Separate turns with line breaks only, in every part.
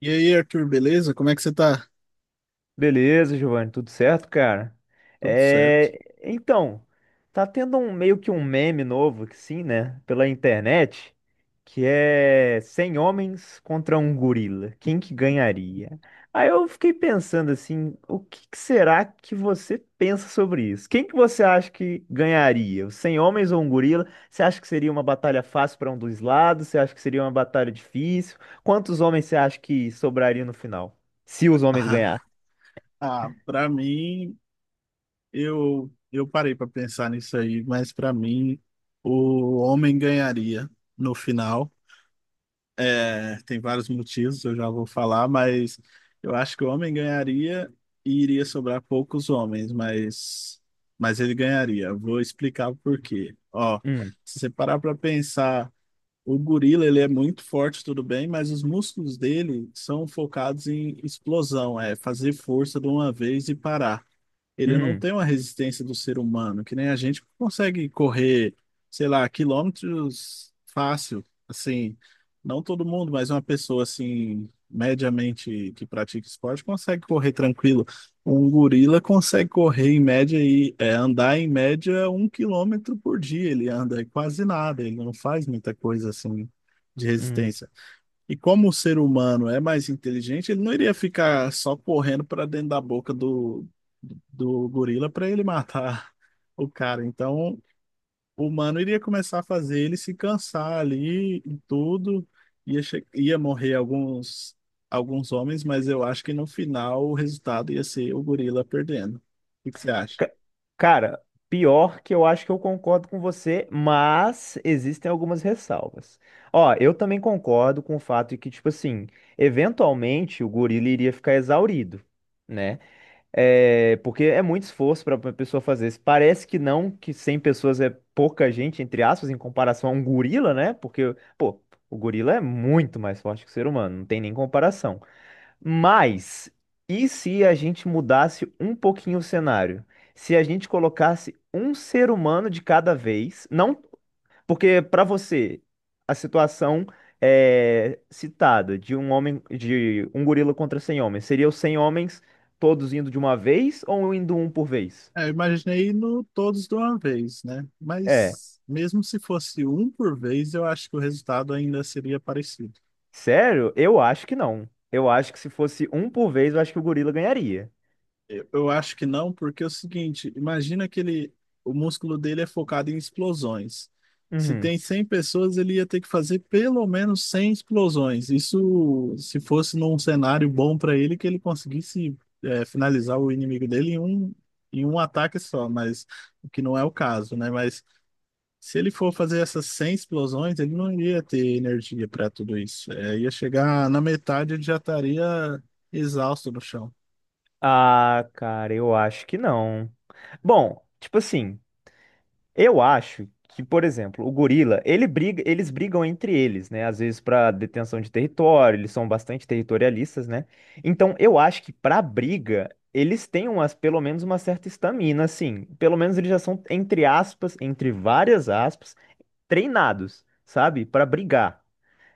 E aí, Arthur, beleza? Como é que você tá?
Beleza, Giovanni, tudo certo, cara?
Tudo certo.
É, então, tá tendo um meio que um meme novo, que sim, né, pela internet, que é 100 homens contra um gorila. Quem que ganharia? Aí eu fiquei pensando assim, o que que será que você pensa sobre isso? Quem que você acha que ganharia? Os 100 homens ou um gorila? Você acha que seria uma batalha fácil para um dos lados? Você acha que seria uma batalha difícil? Quantos homens você acha que sobraria no final? Se os homens ganhassem?
Para mim, eu parei para pensar nisso aí, mas para mim o homem ganharia no final. É, tem vários motivos, eu já vou falar, mas eu acho que o homem ganharia e iria sobrar poucos homens, mas ele ganharia. Vou explicar o porquê. Ó,
Hum.
se você parar para pensar. O gorila, ele é muito forte, tudo bem, mas os músculos dele são focados em explosão, é fazer força de uma vez e parar. Ele não
Uhum.
tem uma resistência do ser humano, que nem a gente consegue correr, sei lá, quilômetros fácil, assim, não todo mundo, mas uma pessoa assim, mediamente que pratica esporte consegue correr tranquilo. Um gorila consegue correr em média e é, andar em média 1 quilômetro por dia, ele anda quase nada, ele não faz muita coisa assim de
Uhum.
resistência. E como o ser humano é mais inteligente, ele não iria ficar só correndo para dentro da boca do gorila para ele matar o cara. Então, o humano iria começar a fazer ele se cansar ali e tudo. Ia morrer alguns, alguns homens, mas eu acho que no final o resultado ia ser o gorila perdendo. O que que você acha?
Ca- Cara, pior que eu acho que eu concordo com você, mas existem algumas ressalvas. Ó, eu também concordo com o fato de que, tipo assim, eventualmente o gorila iria ficar exaurido, né? É, porque é muito esforço para uma pessoa fazer isso. Parece que não, que 100 pessoas é pouca gente, entre aspas, em comparação a um gorila, né? Porque, pô, o gorila é muito mais forte que o ser humano, não tem nem comparação. Mas, e se a gente mudasse um pouquinho o cenário? Se a gente colocasse um ser humano de cada vez, não porque para você, a situação é citada de um homem, de um gorila contra 100 homens, seria os 100 homens todos indo de uma vez ou indo um por vez?
É, eu imaginei no todos de uma vez, né?
É,
Mas mesmo se fosse um por vez, eu acho que o resultado ainda seria parecido.
sério? Eu acho que não. Eu acho que se fosse um por vez, eu acho que o gorila ganharia.
Eu acho que não, porque é o seguinte, imagina que ele, o músculo dele é focado em explosões. Se
Uhum.
tem 100 pessoas, ele ia ter que fazer pelo menos 100 explosões. Isso se fosse num cenário bom para ele, que ele conseguisse é, finalizar o inimigo dele em um ataque só, mas o que não é o caso, né? Mas se ele for fazer essas 100 explosões, ele não iria ter energia para tudo isso. É, ia chegar na metade, ele já estaria exausto no chão.
Ah, cara, eu acho que não. Bom, tipo assim. Eu acho que, por exemplo, o gorila, ele briga, eles brigam entre eles, né? Às vezes para detenção de território, eles são bastante territorialistas, né? Então, eu acho que para briga, eles têm pelo menos uma certa estamina, assim. Pelo menos eles já são, entre aspas, entre várias aspas, treinados, sabe? Para brigar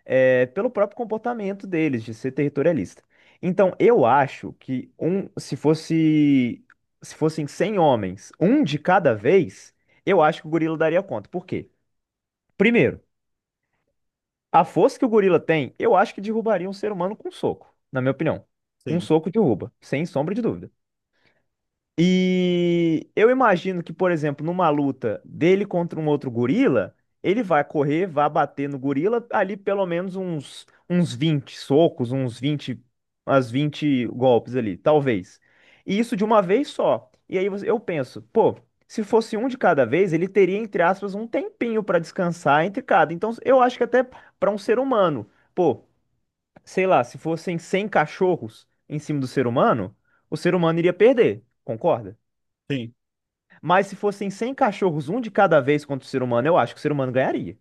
é, pelo próprio comportamento deles de ser territorialista. Então, eu acho que se fossem 100 homens, um de cada vez, eu acho que o gorila daria conta. Por quê? Primeiro, a força que o gorila tem, eu acho que derrubaria um ser humano com um soco, na minha opinião. Com um
Sim,
soco derruba, sem sombra de dúvida. E eu imagino que, por exemplo, numa luta dele contra um outro gorila, ele vai correr, vai bater no gorila ali pelo menos uns 20 socos, uns 20 umas 20 golpes ali, talvez. E isso de uma vez só. E aí eu penso, pô, se fosse um de cada vez, ele teria, entre aspas, um tempinho para descansar entre cada. Então eu acho que até para um ser humano, pô, sei lá, se fossem 100 cachorros em cima do ser humano, o ser humano iria perder, concorda?
sim.
Mas se fossem 100 cachorros, um de cada vez contra o ser humano, eu acho que o ser humano ganharia.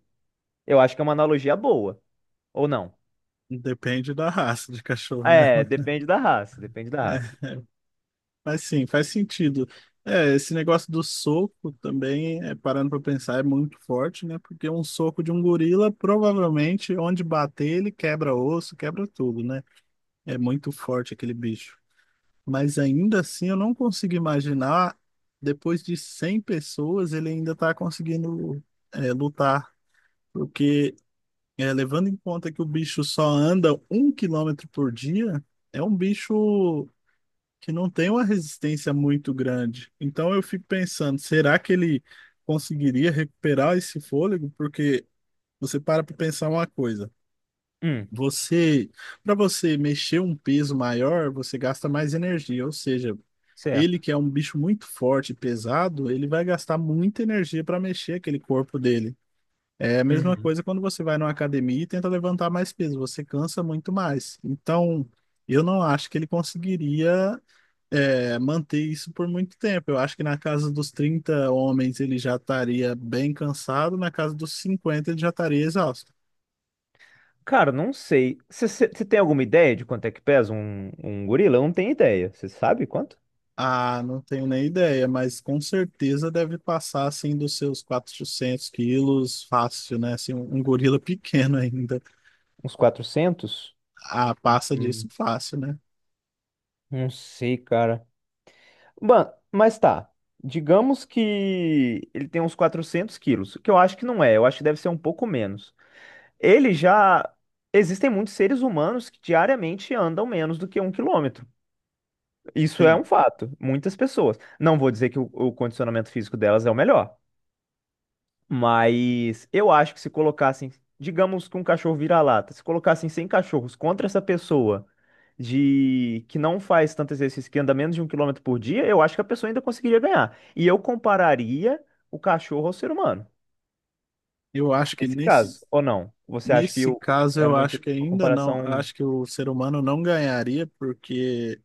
Eu acho que é uma analogia boa. Ou não?
Depende da raça de cachorro, né?
É, depende da raça, depende da raça.
É, é, mas sim, faz sentido. É, esse negócio do soco também, é, parando para pensar, é muito forte, né? Porque um soco de um gorila, provavelmente, onde bater, ele quebra osso, quebra tudo, né? É muito forte aquele bicho. Mas ainda assim, eu não consigo imaginar, depois de 100 pessoas, ele ainda tá conseguindo, é, lutar. Porque, é, levando em conta que o bicho só anda 1 quilômetro por dia, é um bicho que não tem uma resistência muito grande. Então eu fico pensando, será que ele conseguiria recuperar esse fôlego? Porque você para para pensar uma coisa.
Hum.
Você, para você mexer um peso maior, você gasta mais energia, ou seja, ele
Certo.
que é um bicho muito forte e pesado, ele vai gastar muita energia para mexer aquele corpo dele. É a mesma
Uhum.
coisa quando você vai numa academia e tenta levantar mais peso, você cansa muito mais. Então, eu não acho que ele conseguiria é, manter isso por muito tempo. Eu acho que na casa dos 30 homens ele já estaria bem cansado, na casa dos 50 ele já estaria exausto.
Cara, não sei. Você tem alguma ideia de quanto é que pesa um gorila? Eu não tenho ideia. Você sabe quanto?
Ah, não tenho nem ideia, mas com certeza deve passar assim dos seus 400 quilos fácil, né? Assim, um gorila pequeno ainda.
Uns 400.
Ah, passa disso
Hum,
fácil, né?
não sei, cara. Mano, mas tá. Digamos que ele tem uns 400 quilos, que eu acho que não é, eu acho que deve ser um pouco menos. Ele já. Existem muitos seres humanos que diariamente andam menos do que um quilômetro. Isso é
Sim.
um fato. Muitas pessoas. Não vou dizer que o condicionamento físico delas é o melhor, mas eu acho que se colocassem, digamos que um cachorro vira-lata, se colocassem 100 cachorros contra essa pessoa de que não faz tanto exercício, que anda menos de um quilômetro por dia, eu acho que a pessoa ainda conseguiria ganhar. E eu compararia o cachorro ao ser humano,
Eu acho que
nesse caso,
nesse,
ou não? Você acha que
nesse caso
é
eu
muito
acho que
uma
ainda não,
comparação?
acho que o ser humano não ganharia porque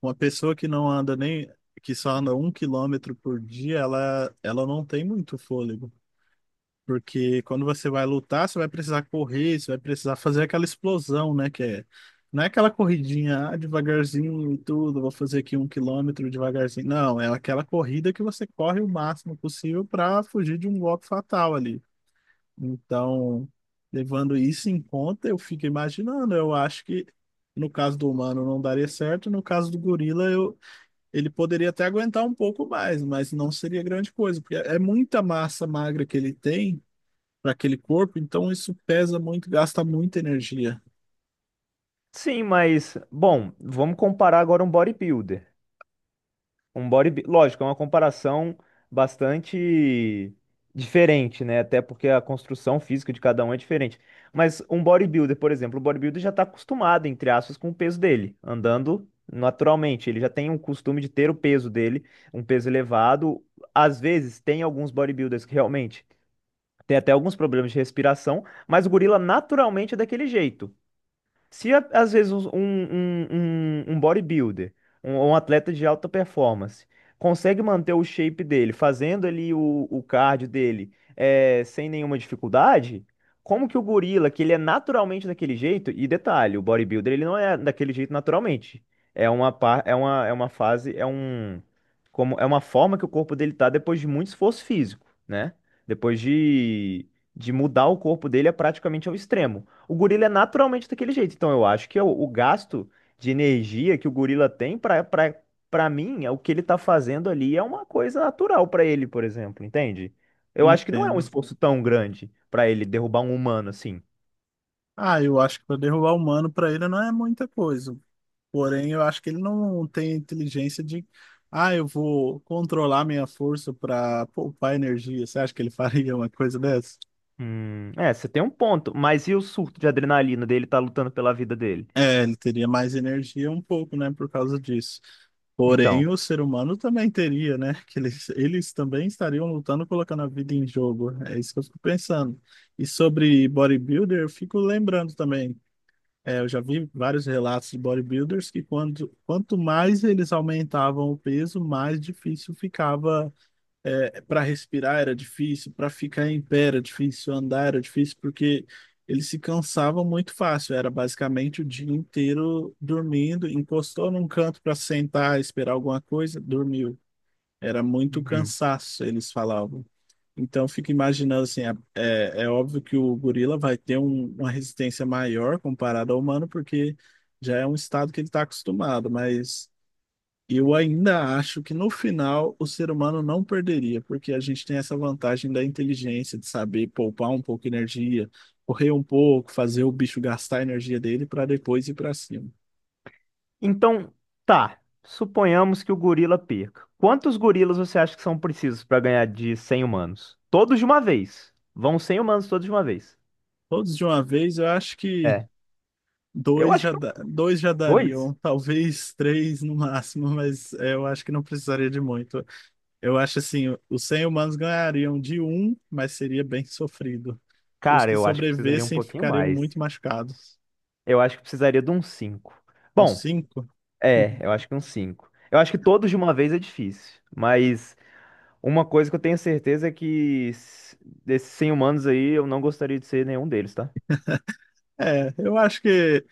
uma pessoa que não anda nem, que só anda 1 quilômetro por dia, ela não tem muito fôlego. Porque quando você vai lutar, você vai precisar correr, você vai precisar fazer aquela explosão, né? Que é, não é aquela corridinha, ah, devagarzinho e tudo, vou fazer aqui 1 quilômetro devagarzinho. Não, é aquela corrida que você corre o máximo possível para fugir de um golpe fatal ali. Então, levando isso em conta, eu fico imaginando, eu acho que no caso do humano não daria certo, no caso do gorila eu ele poderia até aguentar um pouco mais, mas não seria grande coisa, porque é muita massa magra que ele tem para aquele corpo, então isso pesa muito, gasta muita energia.
Sim, mas, bom, vamos comparar agora um bodybuilder. Um bodybuilder, lógico, é uma comparação bastante diferente, né? Até porque a construção física de cada um é diferente. Mas um bodybuilder, por exemplo, o bodybuilder já está acostumado, entre aspas, com o peso dele, andando naturalmente. Ele já tem um costume de ter o peso dele, um peso elevado. Às vezes, tem alguns bodybuilders que realmente têm até alguns problemas de respiração, mas o gorila naturalmente é daquele jeito. Se a- Às vezes um bodybuilder, um atleta de alta performance, consegue manter o shape dele, fazendo ali o cardio dele sem nenhuma dificuldade, como que o gorila, que ele é naturalmente daquele jeito, e detalhe, o bodybuilder ele não é daquele jeito naturalmente. É uma fase, é uma forma que o corpo dele tá depois de muito esforço físico, né? Depois de mudar o corpo dele é praticamente ao extremo. O gorila é naturalmente daquele jeito. Então eu acho que é o gasto de energia que o gorila tem para mim, é o que ele tá fazendo ali é uma coisa natural para ele, por exemplo, entende? Eu acho que não é um
Entendo.
esforço tão grande para ele derrubar um humano assim.
Ah, eu acho que para derrubar o humano para ele não é muita coisa. Porém, eu acho que ele não tem inteligência de, ah, eu vou controlar minha força para poupar energia. Você acha que ele faria uma coisa dessa?
É, você tem um ponto, mas e o surto de adrenalina dele tá lutando pela vida dele?
É, ele teria mais energia um pouco, né, por causa disso. Porém,
Então,
o ser humano também teria, né? Que eles também estariam lutando, colocando a vida em jogo. É isso que eu fico pensando. E sobre bodybuilder, eu fico lembrando também. É, eu já vi vários relatos de bodybuilders que quando, quanto mais eles aumentavam o peso, mais difícil ficava é, para respirar era difícil, para ficar em pé era difícil, andar era difícil, porque eles se cansavam muito fácil. Era basicamente o dia inteiro dormindo, encostou num canto para sentar, esperar alguma coisa, dormiu. Era muito
uhum.
cansaço, eles falavam. Então, eu fico imaginando assim, é, é óbvio que o gorila vai ter uma resistência maior comparada ao humano, porque já é um estado que ele está acostumado, mas eu ainda acho que no final o ser humano não perderia, porque a gente tem essa vantagem da inteligência, de saber poupar um pouco de energia, correr um pouco, fazer o bicho gastar a energia dele para depois ir para cima.
Então, tá. Suponhamos que o gorila perca. Quantos gorilas você acha que são precisos pra ganhar de 100 humanos? Todos de uma vez. Vão 100 humanos todos de uma vez.
Todos de uma vez, eu acho que
É. Eu
dois
acho
já,
que
dá- dois já dariam,
dois.
talvez três no máximo, mas é, eu acho que não precisaria de muito. Eu acho assim, os 100 humanos ganhariam de um, mas seria bem sofrido. Os
Cara,
que
eu acho que precisaria um
sobrevivessem
pouquinho
ficariam
mais.
muito machucados.
Eu acho que precisaria de uns cinco.
Uns
Bom,
cinco?
é, eu acho que uns cinco. Eu acho que todos de uma vez é difícil. Mas uma coisa que eu tenho certeza é que desses 100 humanos aí, eu não gostaria de ser nenhum deles, tá?
É, eu acho que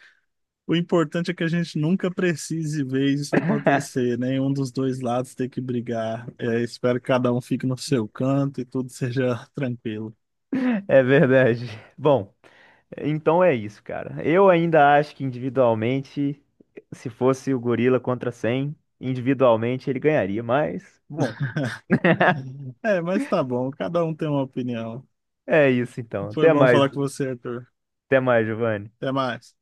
o importante é que a gente nunca precise ver isso acontecer, né? Um dos dois lados ter que brigar. É, espero que cada um fique no seu canto e tudo seja tranquilo.
É verdade. Bom. Então é isso, cara. Eu ainda acho que individualmente, se fosse o gorila contra 100 individualmente ele ganharia, mas bom,
É, mas tá bom, cada um tem uma opinião.
é isso então.
Foi bom falar com você, Arthur.
Até mais, Giovanni.
Até mais.